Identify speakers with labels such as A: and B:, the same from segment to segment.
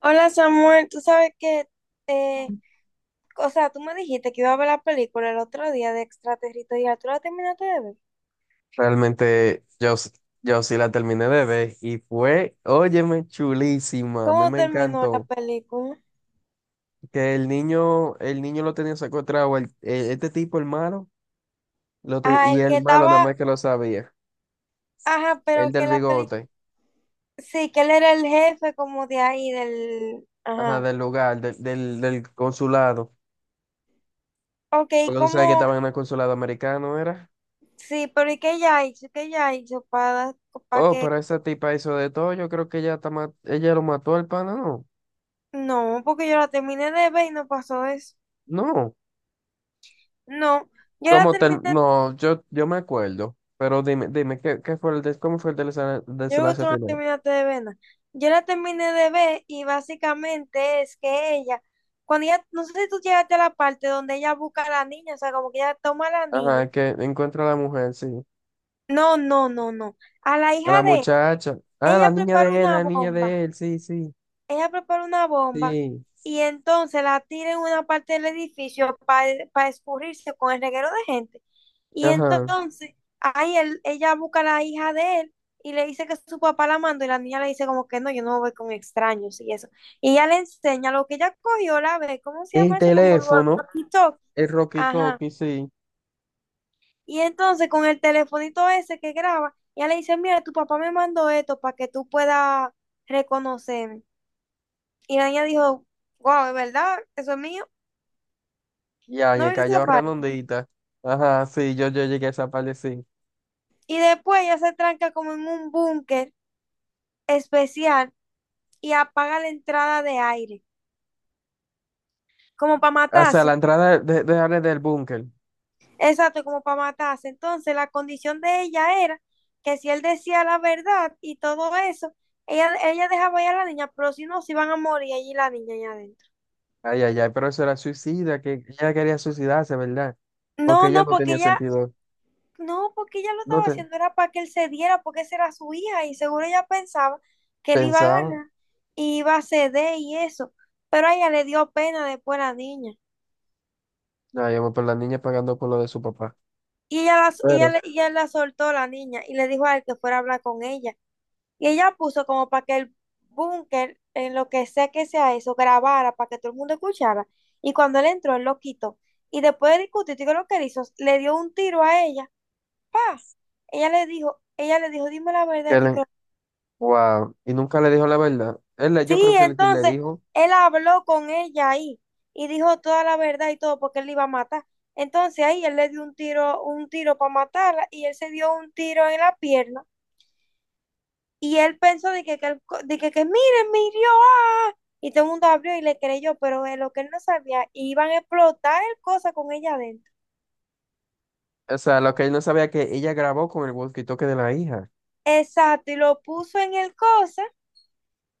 A: Hola Samuel, tú sabes que, eh, o sea, tú me dijiste que iba a ver la película el otro día de Extraterritorial, ¿tú la terminaste de ver?
B: Realmente, yo sí la terminé de ver y fue, óyeme, chulísima, a mí
A: ¿Cómo
B: me
A: terminó la
B: encantó.
A: película?
B: Que el niño lo tenía secuestrado, este tipo, el malo,
A: Ah,
B: y
A: el que
B: el malo nada
A: estaba,
B: más que lo sabía,
A: ajá,
B: el
A: pero que
B: del
A: la película,
B: bigote,
A: sí, que él era el jefe como de ahí, del,
B: ajá,
A: ajá.
B: del lugar, del consulado,
A: Ok,
B: porque tú sabes que
A: ¿cómo?
B: estaba en el consulado americano, ¿era?
A: Sí, pero ¿y qué ella hizo? ¿Qué ella hizo para
B: Oh,
A: que?
B: pero esa tipa hizo de todo, yo creo que ella, ella lo mató al pana, no,
A: No, porque yo la terminé de ver y no pasó eso.
B: no.
A: No, yo la
B: Como
A: terminé.
B: tal, no, yo me acuerdo, pero dime, dime, ¿qué, qué fue el des- cómo fue el
A: Yo creo que tú
B: desenlace
A: no la
B: final?
A: terminaste de ver. Nada. Yo la terminé de ver y básicamente es que ella, cuando ella, no sé si tú llegaste a la parte donde ella busca a la niña, o sea, como que ella toma a la
B: Ajá,
A: niña.
B: que encuentra a la mujer, sí.
A: No, no, no, no. A la
B: A la
A: hija de
B: muchacha. Ah, la
A: ella
B: niña
A: prepara
B: de él,
A: una
B: la niña
A: bomba.
B: de él, sí, sí,
A: Ella prepara una bomba
B: sí.
A: y entonces la tira en una parte del edificio para escurrirse con el reguero de gente. Y
B: Ajá.
A: entonces ahí ella busca a la hija de él y le dice que su papá la mandó y la niña le dice como que no, yo no voy con extraños y eso. Y ella le enseña lo que ella cogió, la ve, ¿cómo se
B: El
A: llama eso? Como el
B: teléfono,
A: walkie-talkie.
B: el Rocky
A: Ajá.
B: Talkie, sí.
A: Y entonces con el telefonito ese que graba, ella le dice, mira, tu papá me mandó esto para que tú puedas reconocer, y la niña dijo, wow, ¿es verdad? ¿Eso es mío?
B: Ya,
A: No
B: me
A: viste esa
B: cayó
A: parte.
B: redondita. Ajá, sí, yo llegué a esa parte, sí.
A: Y después ella se tranca como en un búnker especial y apaga la entrada de aire, como para
B: O sea, la
A: matarse.
B: entrada Ale, del búnker.
A: Exacto, como para matarse. Entonces la condición de ella era que si él decía la verdad y todo eso, ella dejaba ir a la niña, pero si no, se iban a morir allí la niña allá adentro.
B: Ay, ay, ay, pero eso era suicida, que ella quería suicidarse, ¿verdad? Porque
A: No,
B: ella
A: no,
B: no
A: porque
B: tenía
A: ella.
B: sentido.
A: No, porque ella lo
B: No
A: estaba
B: te
A: haciendo, era para que él se diera, porque esa era su hija y seguro ella pensaba que él iba a
B: pensaba.
A: ganar y iba a ceder y eso. Pero a ella le dio pena después la niña.
B: Ya, yo voy por la niña pagando por lo de su papá.
A: Y
B: Pero,
A: ella la soltó la niña y le dijo a él que fuera a hablar con ella. Y ella puso como para que el búnker, en lo que sea eso, grabara para que todo el mundo escuchara. Y cuando él entró, él lo quitó. Y después de discutir, ¿qué es lo que él hizo? Le dio un tiro a ella. ¡Pa! Ella le dijo, dime la verdad,
B: que
A: y
B: le- wow. Y nunca le dijo la verdad. Él,
A: sí,
B: yo creo que sí le
A: entonces
B: dijo.
A: él habló con ella ahí y dijo toda la verdad y todo porque él la iba a matar. Entonces ahí él le dio un tiro para matarla y él se dio un tiro en la pierna y él pensó de que, él co- de que, miren, me hirió, ¡ah! Y todo el mundo abrió y le creyó, pero de lo que él no sabía, iban a explotar el cosa con ella adentro.
B: O sea, lo que él no sabía que ella grabó con el walkie-talkie de la hija.
A: Exacto, y lo puso en el cosa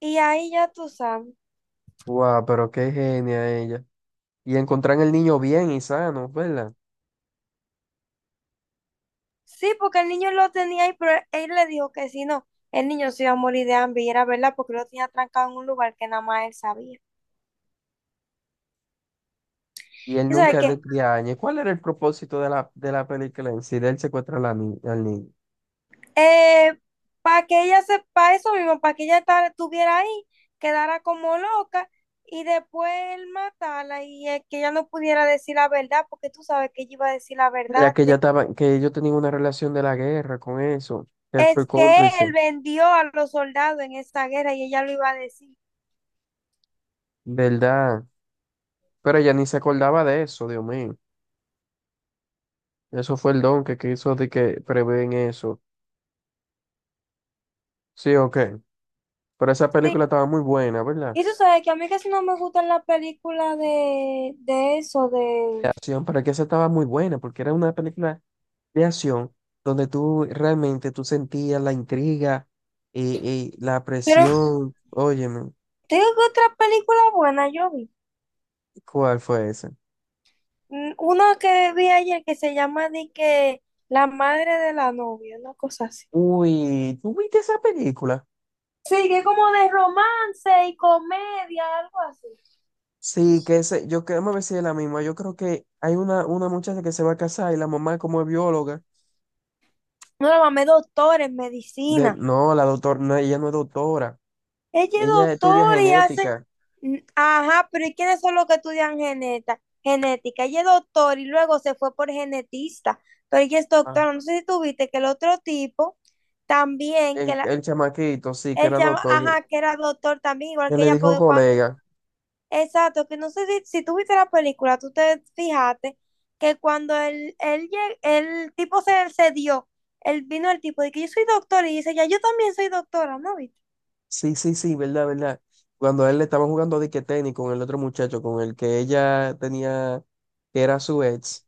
A: y ahí ya tú sabes.
B: Wow, pero qué genia ella. Y encontrar el niño bien y sano, ¿verdad?
A: Sí, porque el niño lo tenía ahí, pero él le dijo que si no, el niño se iba a morir de hambre y era verdad porque lo tenía trancado en un lugar que nada más él sabía.
B: Y él
A: Y sabes
B: nunca de,
A: que
B: de añe. ¿Cuál era el propósito de la película en sí? De él secuestra a la ni- al niño.
A: para que ella sepa eso mismo, para que estuviera ahí, quedara como loca y después él matarla y que ella no pudiera decir la verdad, porque tú sabes que ella iba a decir la
B: La
A: verdad.
B: que ya estaba, que ellos tenían una relación de la guerra con eso. Él fue
A: Es que
B: cómplice,
A: él vendió a los soldados en esta guerra y ella lo iba a decir.
B: ¿verdad? Pero ella ni se acordaba de eso, Dios mío. Eso fue el don que quiso de que prevén eso. Sí, ok. Pero esa
A: Sí,
B: película estaba muy buena, ¿verdad?
A: y tú sabes que a mí casi no me gustan las películas de eso,
B: De
A: de...
B: acción, pero que esa estaba muy buena, porque era una película de acción donde tú realmente tú sentías la intriga y la
A: Pero
B: presión. Óyeme,
A: tengo otra película buena, yo vi.
B: ¿cuál fue esa?
A: Una que vi ayer que se llama de que La madre de la novia, una cosa así.
B: Uy, ¿tú viste esa película?
A: Sí, que es como de romance y comedia, algo así.
B: Sí, que ese, yo creo, me ver si es la misma. Yo creo que hay una muchacha que se va a casar y la mamá como es bióloga.
A: No, la mamé doctor en medicina.
B: No, la doctora, no, ella no es doctora.
A: Ella es
B: Ella estudia
A: doctora y hace.
B: genética.
A: Ajá, pero ¿y quiénes son los que estudian genética? Ella es doctora y luego se fue por genetista, pero ella es doctora. No sé si tú viste que el otro tipo también, que
B: El,
A: la,
B: el chamaquito, sí, que
A: él
B: era
A: llama,
B: doctor,
A: ajá, que era doctor también, igual
B: que
A: que
B: le
A: ella,
B: dijo
A: porque cuando.
B: colega.
A: Exacto, que no sé si, si tú viste la película, tú te fijaste que cuando el tipo se dio, él vino el tipo de que yo soy doctor y dice, ya yo también soy doctora, ¿no viste?
B: Sí, sí, sí, verdad, verdad. Cuando a él le estaban jugando dique tenis con el otro muchacho, con el que ella tenía, que era su ex,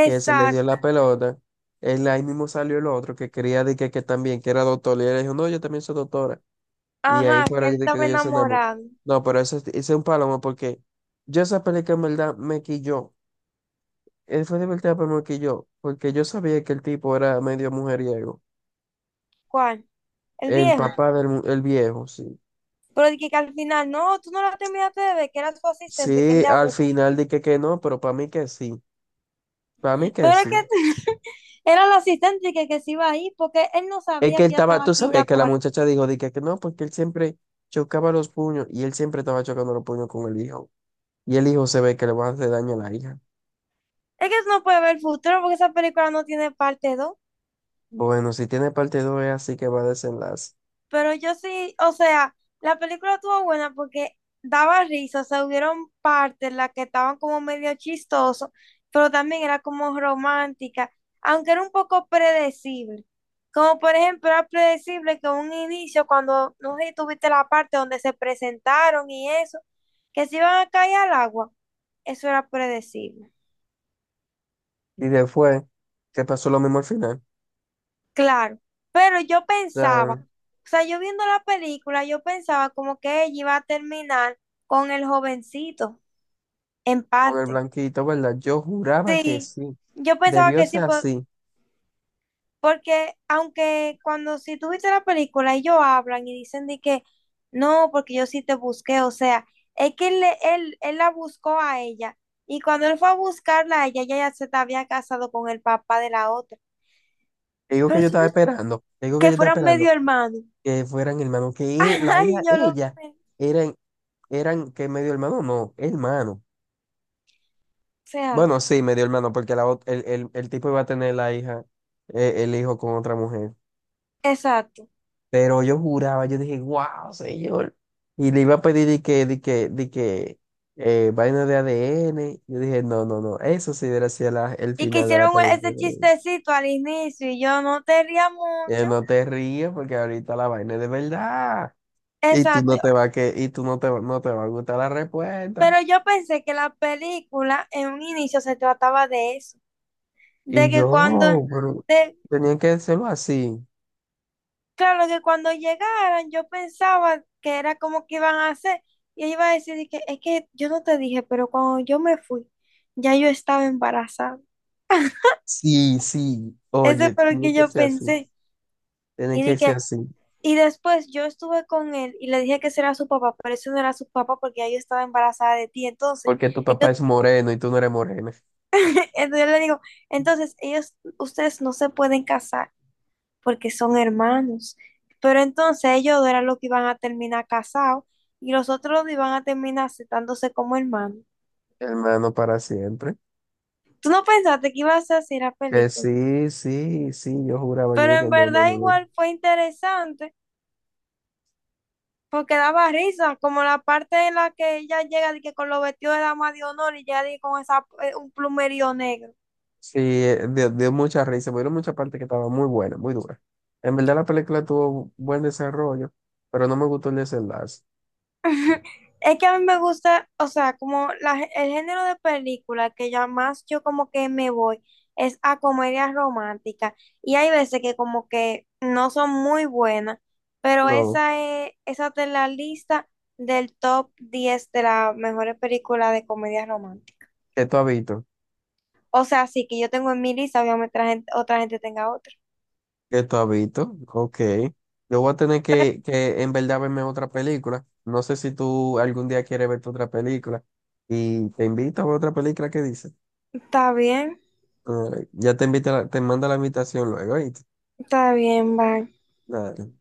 B: que se le dio la pelota, él ahí mismo salió el otro que quería dique que también, que era doctor, y él le dijo, no, yo también soy doctora. Y ahí
A: Ajá, que él
B: fueron de que
A: estaba
B: ellos se enamoraron.
A: enamorado.
B: No, pero eso es ese es un palomo porque yo esa película en verdad me quilló. Él fue divertida, pero me quilló, porque yo sabía que el tipo era medio mujeriego.
A: ¿Cuál? El
B: El
A: viejo.
B: papá el viejo, sí.
A: Pero de que al final, no, tú no la terminaste de ver, que era su asistente, que él
B: Sí,
A: le
B: al
A: habló.
B: final dije que no, pero para mí que sí. Para mí que
A: Pero es
B: sí.
A: que era el asistente que se iba a ir, porque él no
B: Es que
A: sabía
B: él
A: que ya
B: estaba,
A: estaba
B: tú
A: aquí
B: sabes
A: ya
B: que la
A: por...
B: muchacha dijo, dije que no, porque él siempre chocaba los puños y él siempre estaba chocando los puños con el hijo. Y el hijo se ve que le va a hacer daño a la hija.
A: Es que eso no puede ver el futuro, porque esa película no tiene parte dos.
B: Bueno, si tiene parte 2 es así que va a desenlace.
A: Pero yo sí, o sea, la película estuvo buena porque daba risa, o sea, hubieron partes en las que estaban como medio chistoso, pero también era como romántica, aunque era un poco predecible. Como por ejemplo, era predecible que un inicio, cuando, no sé si tuviste la parte donde se presentaron y eso, que se iban a caer al agua, eso era predecible.
B: Y después, que pasó lo mismo al final.
A: Claro, pero yo
B: O
A: pensaba,
B: sea,
A: o sea, yo viendo la película, yo pensaba como que ella iba a terminar con el jovencito, en
B: con el
A: parte.
B: blanquito, ¿verdad? Yo juraba que
A: Sí,
B: sí.
A: yo pensaba
B: Debió
A: que sí,
B: ser así.
A: porque aunque cuando si tú viste la película, ellos hablan y dicen de que no, porque yo sí te busqué, o sea, es que él la buscó a ella y cuando él fue a buscarla a ella, ella ya se te había casado con el papá de la otra,
B: Te digo que
A: pero
B: yo estaba esperando. Te digo que
A: que
B: yo estaba
A: fueran
B: esperando.
A: medio hermanos.
B: Que fueran hermanos, la
A: Ay,
B: hija,
A: yo lo
B: ella,
A: pensé. O
B: eran, eran que medio hermano, no, hermano.
A: sea,
B: Bueno, sí, medio hermano, porque la, ot- el tipo iba a tener la hija, el hijo con otra mujer.
A: exacto.
B: Pero yo juraba, yo dije, wow, señor. Y le iba a pedir de que, vaina de ADN. Yo dije, no, no, no, eso sí hubiera sido el
A: Y que
B: final de la
A: hicieron ese
B: película.
A: chistecito al inicio y yo no te ría mucho.
B: No te rías porque ahorita la vaina es de verdad.
A: Exacto.
B: Y tú no te, va- no te va a gustar la respuesta.
A: Pero yo pensé que la película en un inicio se trataba de eso.
B: Y
A: De que cuando,
B: yo, pero
A: de,
B: tenía que hacerlo así.
A: claro, que cuando llegaran yo pensaba que era como que iban a hacer. Y ella iba a decir de que es que yo no te dije, pero cuando yo me fui, ya yo estaba embarazada.
B: Sí, sí,
A: Eso
B: oye,
A: fue lo
B: tenía
A: que
B: que
A: yo
B: ser así.
A: pensé.
B: Tenía
A: Y
B: que ser
A: dije,
B: así.
A: y después yo estuve con él y le dije que ese era su papá, pero ese no era su papá porque ya yo estaba embarazada de ti. Entonces,
B: Porque tu papá
A: ellos-
B: es moreno y tú no eres morena.
A: entonces yo le digo, entonces ellos, ustedes no se pueden casar porque son hermanos. Pero entonces ellos dos eran los que iban a terminar casados y los otros dos iban a terminar aceptándose como hermanos.
B: Hermano para siempre.
A: Tú no pensaste que ibas a hacer la
B: Que
A: película,
B: sí, sí, sí, yo juraba, yo
A: pero
B: dije,
A: en
B: no, no,
A: verdad
B: no, no.
A: igual fue interesante. Porque daba risa, como la parte en la que ella llega de que con los vestidos de dama de honor y llega de que con esa, un plumerío negro.
B: Sí, dio mucha risa, pero mucha parte que estaba muy buena, muy dura. En verdad la película tuvo buen desarrollo, pero no me gustó el desenlace.
A: Es que a mí me gusta, o sea, como la el género de película que ya más yo como que me voy es a comedias románticas. Y hay veces que como que no son muy buenas, pero
B: No,
A: esa es, esa está en la lista del top 10 de las mejores películas de comedias románticas.
B: ¿que tú has visto?
A: O sea, sí que yo tengo en mi lista, obviamente la gente- otra gente tenga otra.
B: Que tú has visto. Ok. Yo voy a tener que en verdad verme otra película. No sé si tú algún día quieres verte otra película. Y te invito a ver otra película que dice.
A: Está bien,
B: Ya te invita, te manda la invitación luego, ¿oíste?
A: está bien, va.
B: Nada.